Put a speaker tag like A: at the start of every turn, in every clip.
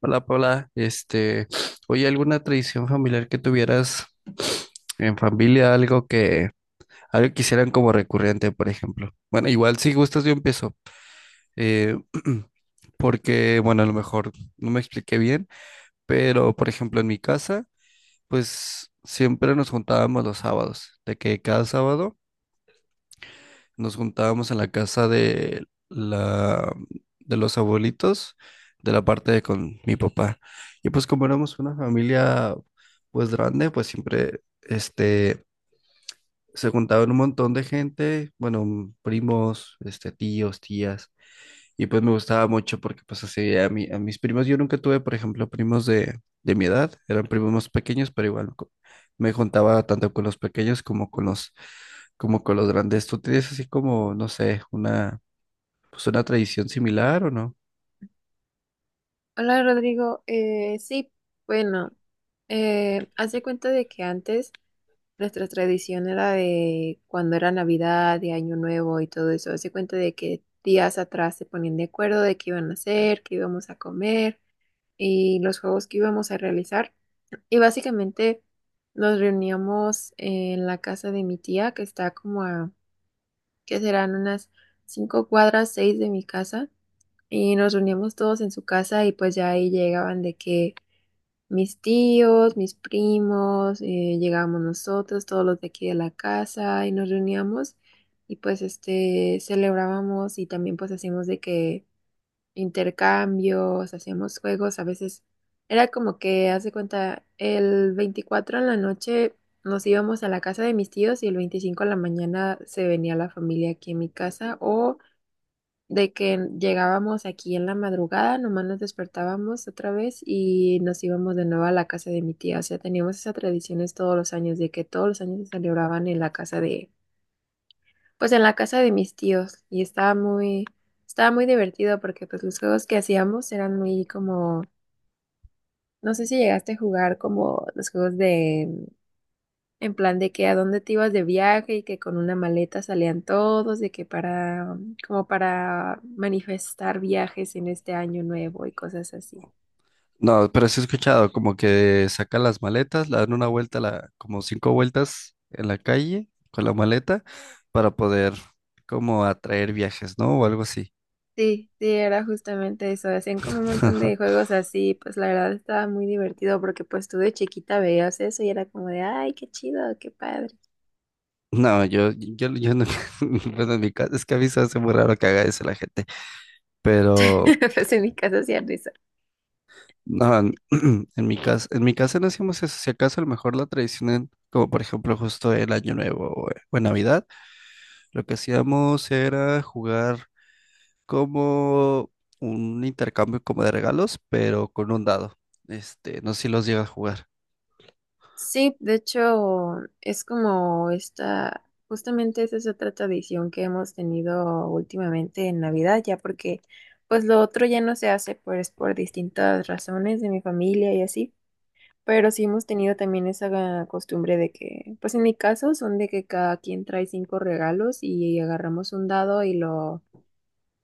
A: Hola Paula, oye, ¿alguna tradición familiar que tuvieras en familia? Algo que quisieran como recurrente, por ejemplo. Bueno, igual si gustas yo empiezo, eh, porque, bueno, a lo mejor no me expliqué bien, pero por ejemplo en mi casa, pues siempre nos juntábamos los sábados, de que cada sábado nos juntábamos en la casa de la de los abuelitos, de la parte de con mi papá. Y pues como éramos una familia pues grande, pues siempre se juntaban un montón de gente, bueno, primos, este tíos, tías. Y pues me gustaba mucho porque pues así a mí, a mis primos, yo nunca tuve, por ejemplo, primos de mi edad, eran primos más pequeños, pero igual me juntaba tanto con los pequeños como con los grandes. ¿Tú tienes así como, no sé, pues una tradición similar o no?
B: Hola Rodrigo. Sí, bueno, hace cuenta de que antes nuestra tradición era de cuando era Navidad, de Año Nuevo y todo eso. Hace cuenta de que días atrás se ponían de acuerdo de qué iban a hacer, qué íbamos a comer y los juegos que íbamos a realizar. Y básicamente nos reuníamos en la casa de mi tía, que está como a, que serán unas 5 cuadras, 6 de mi casa, y nos reuníamos todos en su casa y pues ya ahí llegaban de que mis tíos, mis primos, llegábamos nosotros, todos los de aquí de la casa, y nos reuníamos y pues este celebrábamos y también pues hacíamos de que intercambios, hacíamos juegos, a veces era como que, hace cuenta, el 24 en la noche nos íbamos a la casa de mis tíos y el 25 en la mañana se venía la familia aquí en mi casa o de que llegábamos aquí en la madrugada, nomás nos despertábamos otra vez y nos íbamos de nuevo a la casa de mi tía. O sea, teníamos esas tradiciones todos los años, de que todos los años se celebraban en la casa de, pues en la casa de mis tíos. Y estaba muy divertido porque pues los juegos que hacíamos eran muy como, no sé si llegaste a jugar como los juegos de en plan de que a dónde te ibas de viaje y que con una maleta salían todos, de que para, como para manifestar viajes en este año nuevo y cosas así.
A: No, pero sí he escuchado como que sacan las maletas, la dan una vuelta, como cinco vueltas en la calle con la maleta para poder como atraer viajes, ¿no? O algo así.
B: Sí, sí, era justamente eso. Hacían como un montón de juegos así, pues la verdad estaba muy divertido porque pues tú de chiquita veías eso y era como de, ay, qué chido, qué padre.
A: No, yo no, bueno, en mi caso, es que a mí se hace muy raro que haga eso la gente, pero
B: Pues en mi casa hacían eso.
A: no, en mi casa no hacíamos eso, si acaso a lo mejor la tradición, como por ejemplo justo el Año Nuevo o en Navidad, lo que hacíamos era jugar como un intercambio como de regalos, pero con un dado, este, no sé si los llega a jugar.
B: Sí, de hecho, es como esta, justamente esa es otra tradición que hemos tenido últimamente en Navidad, ya porque pues lo otro ya no se hace pues por distintas razones de mi familia y así, pero sí hemos tenido también esa costumbre de que, pues en mi caso son de que cada quien trae cinco regalos y agarramos un dado y lo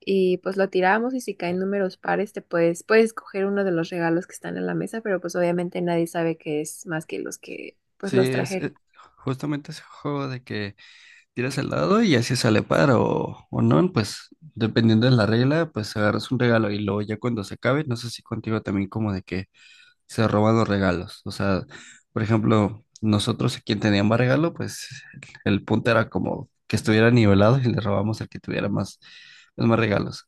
B: y pues lo tiramos y si caen números pares puedes escoger uno de los regalos que están en la mesa, pero pues obviamente nadie sabe qué es más que los que pues
A: Sí,
B: los trajeron.
A: es justamente ese juego de que tiras al dado y así sale par o no, pues dependiendo de la regla, pues agarras un regalo y luego ya cuando se acabe, no sé si contigo también como de que se roban los regalos, o sea, por ejemplo, nosotros a quien tenía más regalo, pues el punto era como que estuviera nivelado y le robamos al que tuviera más, pues, más regalos.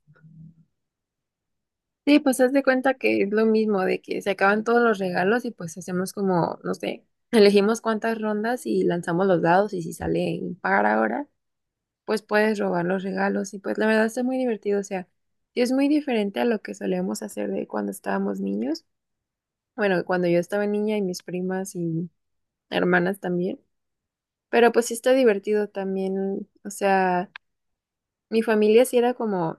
B: Sí, pues haz de cuenta que es lo mismo, de que se acaban todos los regalos y pues hacemos como, no sé, elegimos cuántas rondas y lanzamos los dados y si sale impar ahora, pues puedes robar los regalos y pues la verdad está muy divertido. O sea, sí es muy diferente a lo que solíamos hacer de cuando estábamos niños, bueno, cuando yo estaba niña y mis primas y hermanas también. Pero pues sí está divertido también. O sea, mi familia sí era como,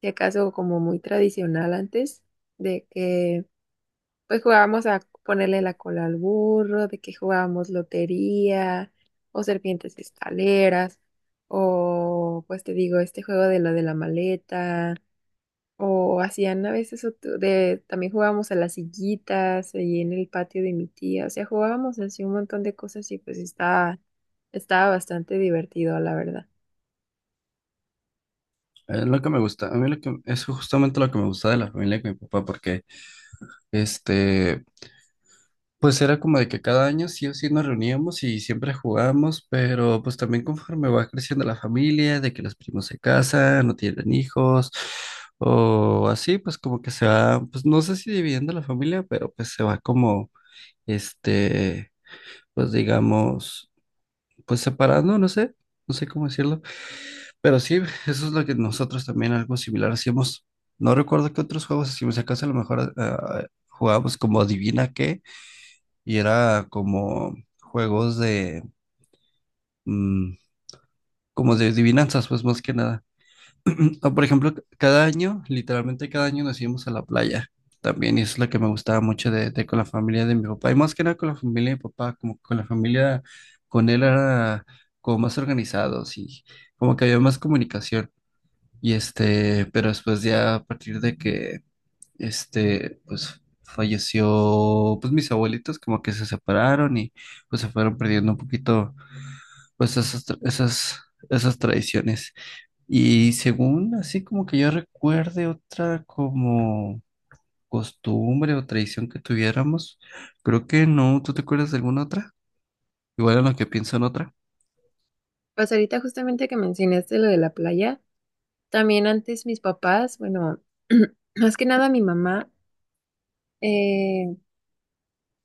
B: si acaso, como muy tradicional antes, de que pues jugábamos a ponerle la cola al burro, de que jugábamos lotería, o serpientes escaleras, o pues te digo, este juego de lo de la maleta. O hacían a veces también jugábamos a las sillitas ahí en el patio de mi tía. O sea, jugábamos así un montón de cosas y pues estaba bastante divertido, la verdad.
A: Es lo que me gusta, a mí lo que, es justamente lo que me gusta de la familia con mi papá porque este... Pues era como de que cada año sí o sí nos reuníamos y siempre jugábamos, pero pues también conforme va creciendo la familia, de que los primos se casan, no tienen hijos, o así, pues como que se va, pues no sé si dividiendo la familia, pero pues se va como, este, pues digamos, pues separando, no sé, no sé cómo decirlo, pero sí, eso es lo que nosotros también algo similar hacíamos. No recuerdo qué otros juegos hacíamos, si acaso a lo mejor ah, jugábamos como adivina qué y era como juegos de, mm, como de adivinanzas, pues más que nada. O, por ejemplo, cada año, literalmente cada año nos íbamos a la playa también, y eso es lo que me gustaba mucho de con la familia de mi papá, y más que nada con la familia de mi papá, como que con la familia, con él era como más organizados y como que había más comunicación. Y este, pero después ya a partir de que, este, pues falleció, pues mis abuelitos como que se separaron y pues se fueron perdiendo un poquito pues esas tradiciones. Y según así como que yo recuerde otra como costumbre o tradición que tuviéramos, creo que no, ¿tú te acuerdas de alguna otra? Igual en lo que pienso en otra.
B: Pues ahorita justamente que mencionaste lo de la playa, también antes mis papás, bueno, más que nada mi mamá, eh,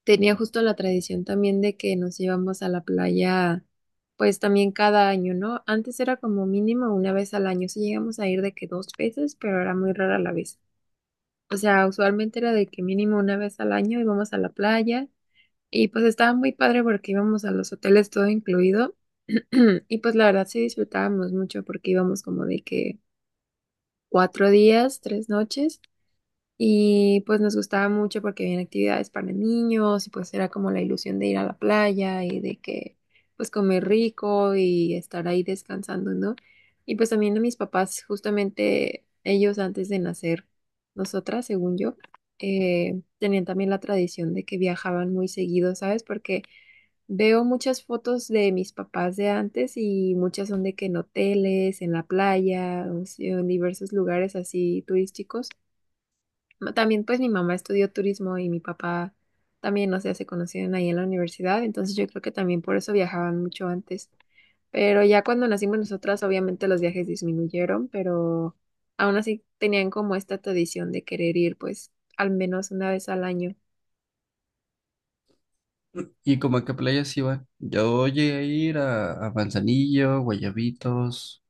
B: tenía justo la tradición también de que nos íbamos a la playa, pues también cada año, ¿no? Antes era como mínimo una vez al año, sí llegamos a ir de que dos veces, pero era muy rara la vez. O sea, usualmente era de que mínimo una vez al año íbamos a la playa y pues estaba muy padre porque íbamos a los hoteles todo incluido y pues la verdad sí disfrutábamos mucho porque íbamos como de que 4 días, 3 noches. Y pues nos gustaba mucho porque había actividades para niños y pues era como la ilusión de ir a la playa y de que pues comer rico y estar ahí descansando, ¿no? Y pues también a mis papás, justamente ellos antes de nacer, nosotras, según yo, tenían también la tradición de que viajaban muy seguido, ¿sabes? Porque veo muchas fotos de mis papás de antes y muchas son de que en hoteles, en la playa, o sea, en diversos lugares así turísticos. También pues mi mamá estudió turismo y mi papá también, o sea, se conocieron ahí en la universidad, entonces yo creo que también por eso viajaban mucho antes. Pero ya cuando nacimos nosotras, obviamente los viajes disminuyeron, pero aún así tenían como esta tradición de querer ir pues al menos una vez al año.
A: ¿Y como a qué playas iban? Yo llegué a ir a Manzanillo, Guayabitos.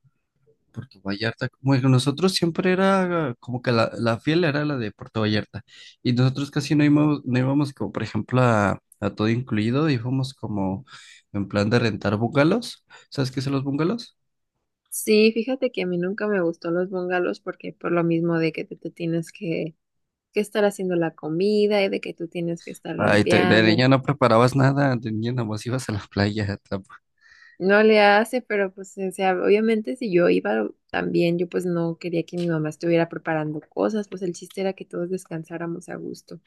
A: Puerto Vallarta. Bueno, nosotros siempre era como que la fiel era la de Puerto Vallarta. Y nosotros casi no íbamos, no íbamos como, por ejemplo, a todo incluido, íbamos como en plan de rentar bungalows. ¿Sabes qué son los bungalows?
B: Sí, fíjate que a mí nunca me gustó los bungalows porque por lo mismo de que tú te tienes que estar haciendo la comida y de que tú tienes que estar
A: Ay, de
B: limpiando.
A: niña no preparabas nada, de niña nomás ibas a la playa. Tam-
B: No le hace, pero pues, o sea, obviamente si yo iba también, yo pues no quería que mi mamá estuviera preparando cosas, pues el chiste era que todos descansáramos a gusto.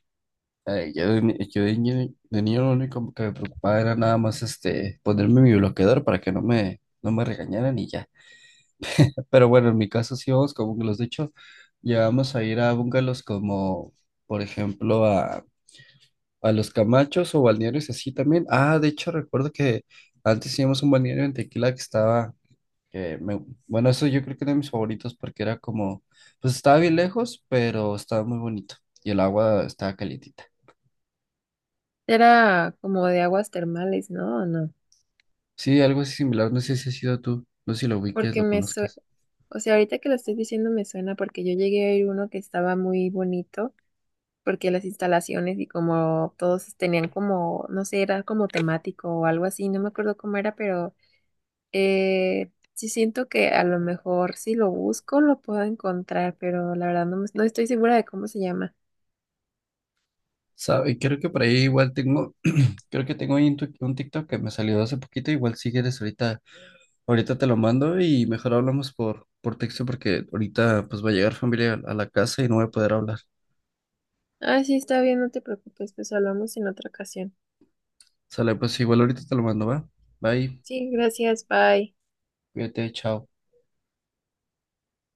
A: Ay, yo de, ni- yo de niño lo único que me preocupaba era nada más este, ponerme mi bloqueador para que no me, no me regañaran y ya. Pero bueno, en mi caso sí vamos con bungalows. De hecho, ya vamos a ir a bungalows como, por ejemplo, a Los Camachos o balnearios así también. Ah, de hecho, recuerdo que antes íbamos a un balneario en Tequila que estaba, que me, bueno, eso yo creo que era de mis favoritos porque era como, pues estaba bien lejos, pero estaba muy bonito y el agua estaba calientita.
B: Era como de aguas termales, ¿no? ¿O no?
A: Sí, algo así similar, no sé si ha sido tú, no sé si lo ubiques,
B: Porque
A: lo conozcas.
B: o sea, ahorita que lo estoy diciendo me suena porque yo llegué a ir uno que estaba muy bonito, porque las instalaciones y como todos tenían como, no sé, era como temático o algo así, no me acuerdo cómo era, pero sí siento que a lo mejor si lo busco lo puedo encontrar, pero la verdad no, no estoy segura de cómo se llama.
A: ¿Sabe? Creo que por ahí igual tengo... Creo que tengo ahí un TikTok que me salió hace poquito, igual si quieres ahorita ahorita te lo mando y mejor hablamos por texto porque ahorita pues va a llegar familia a la casa y no voy a poder hablar.
B: Ah, sí, está bien, no te preocupes, pues hablamos en otra ocasión.
A: Sale, pues igual ahorita te lo mando, ¿va? Bye,
B: Sí, gracias, bye.
A: cuídate, chao.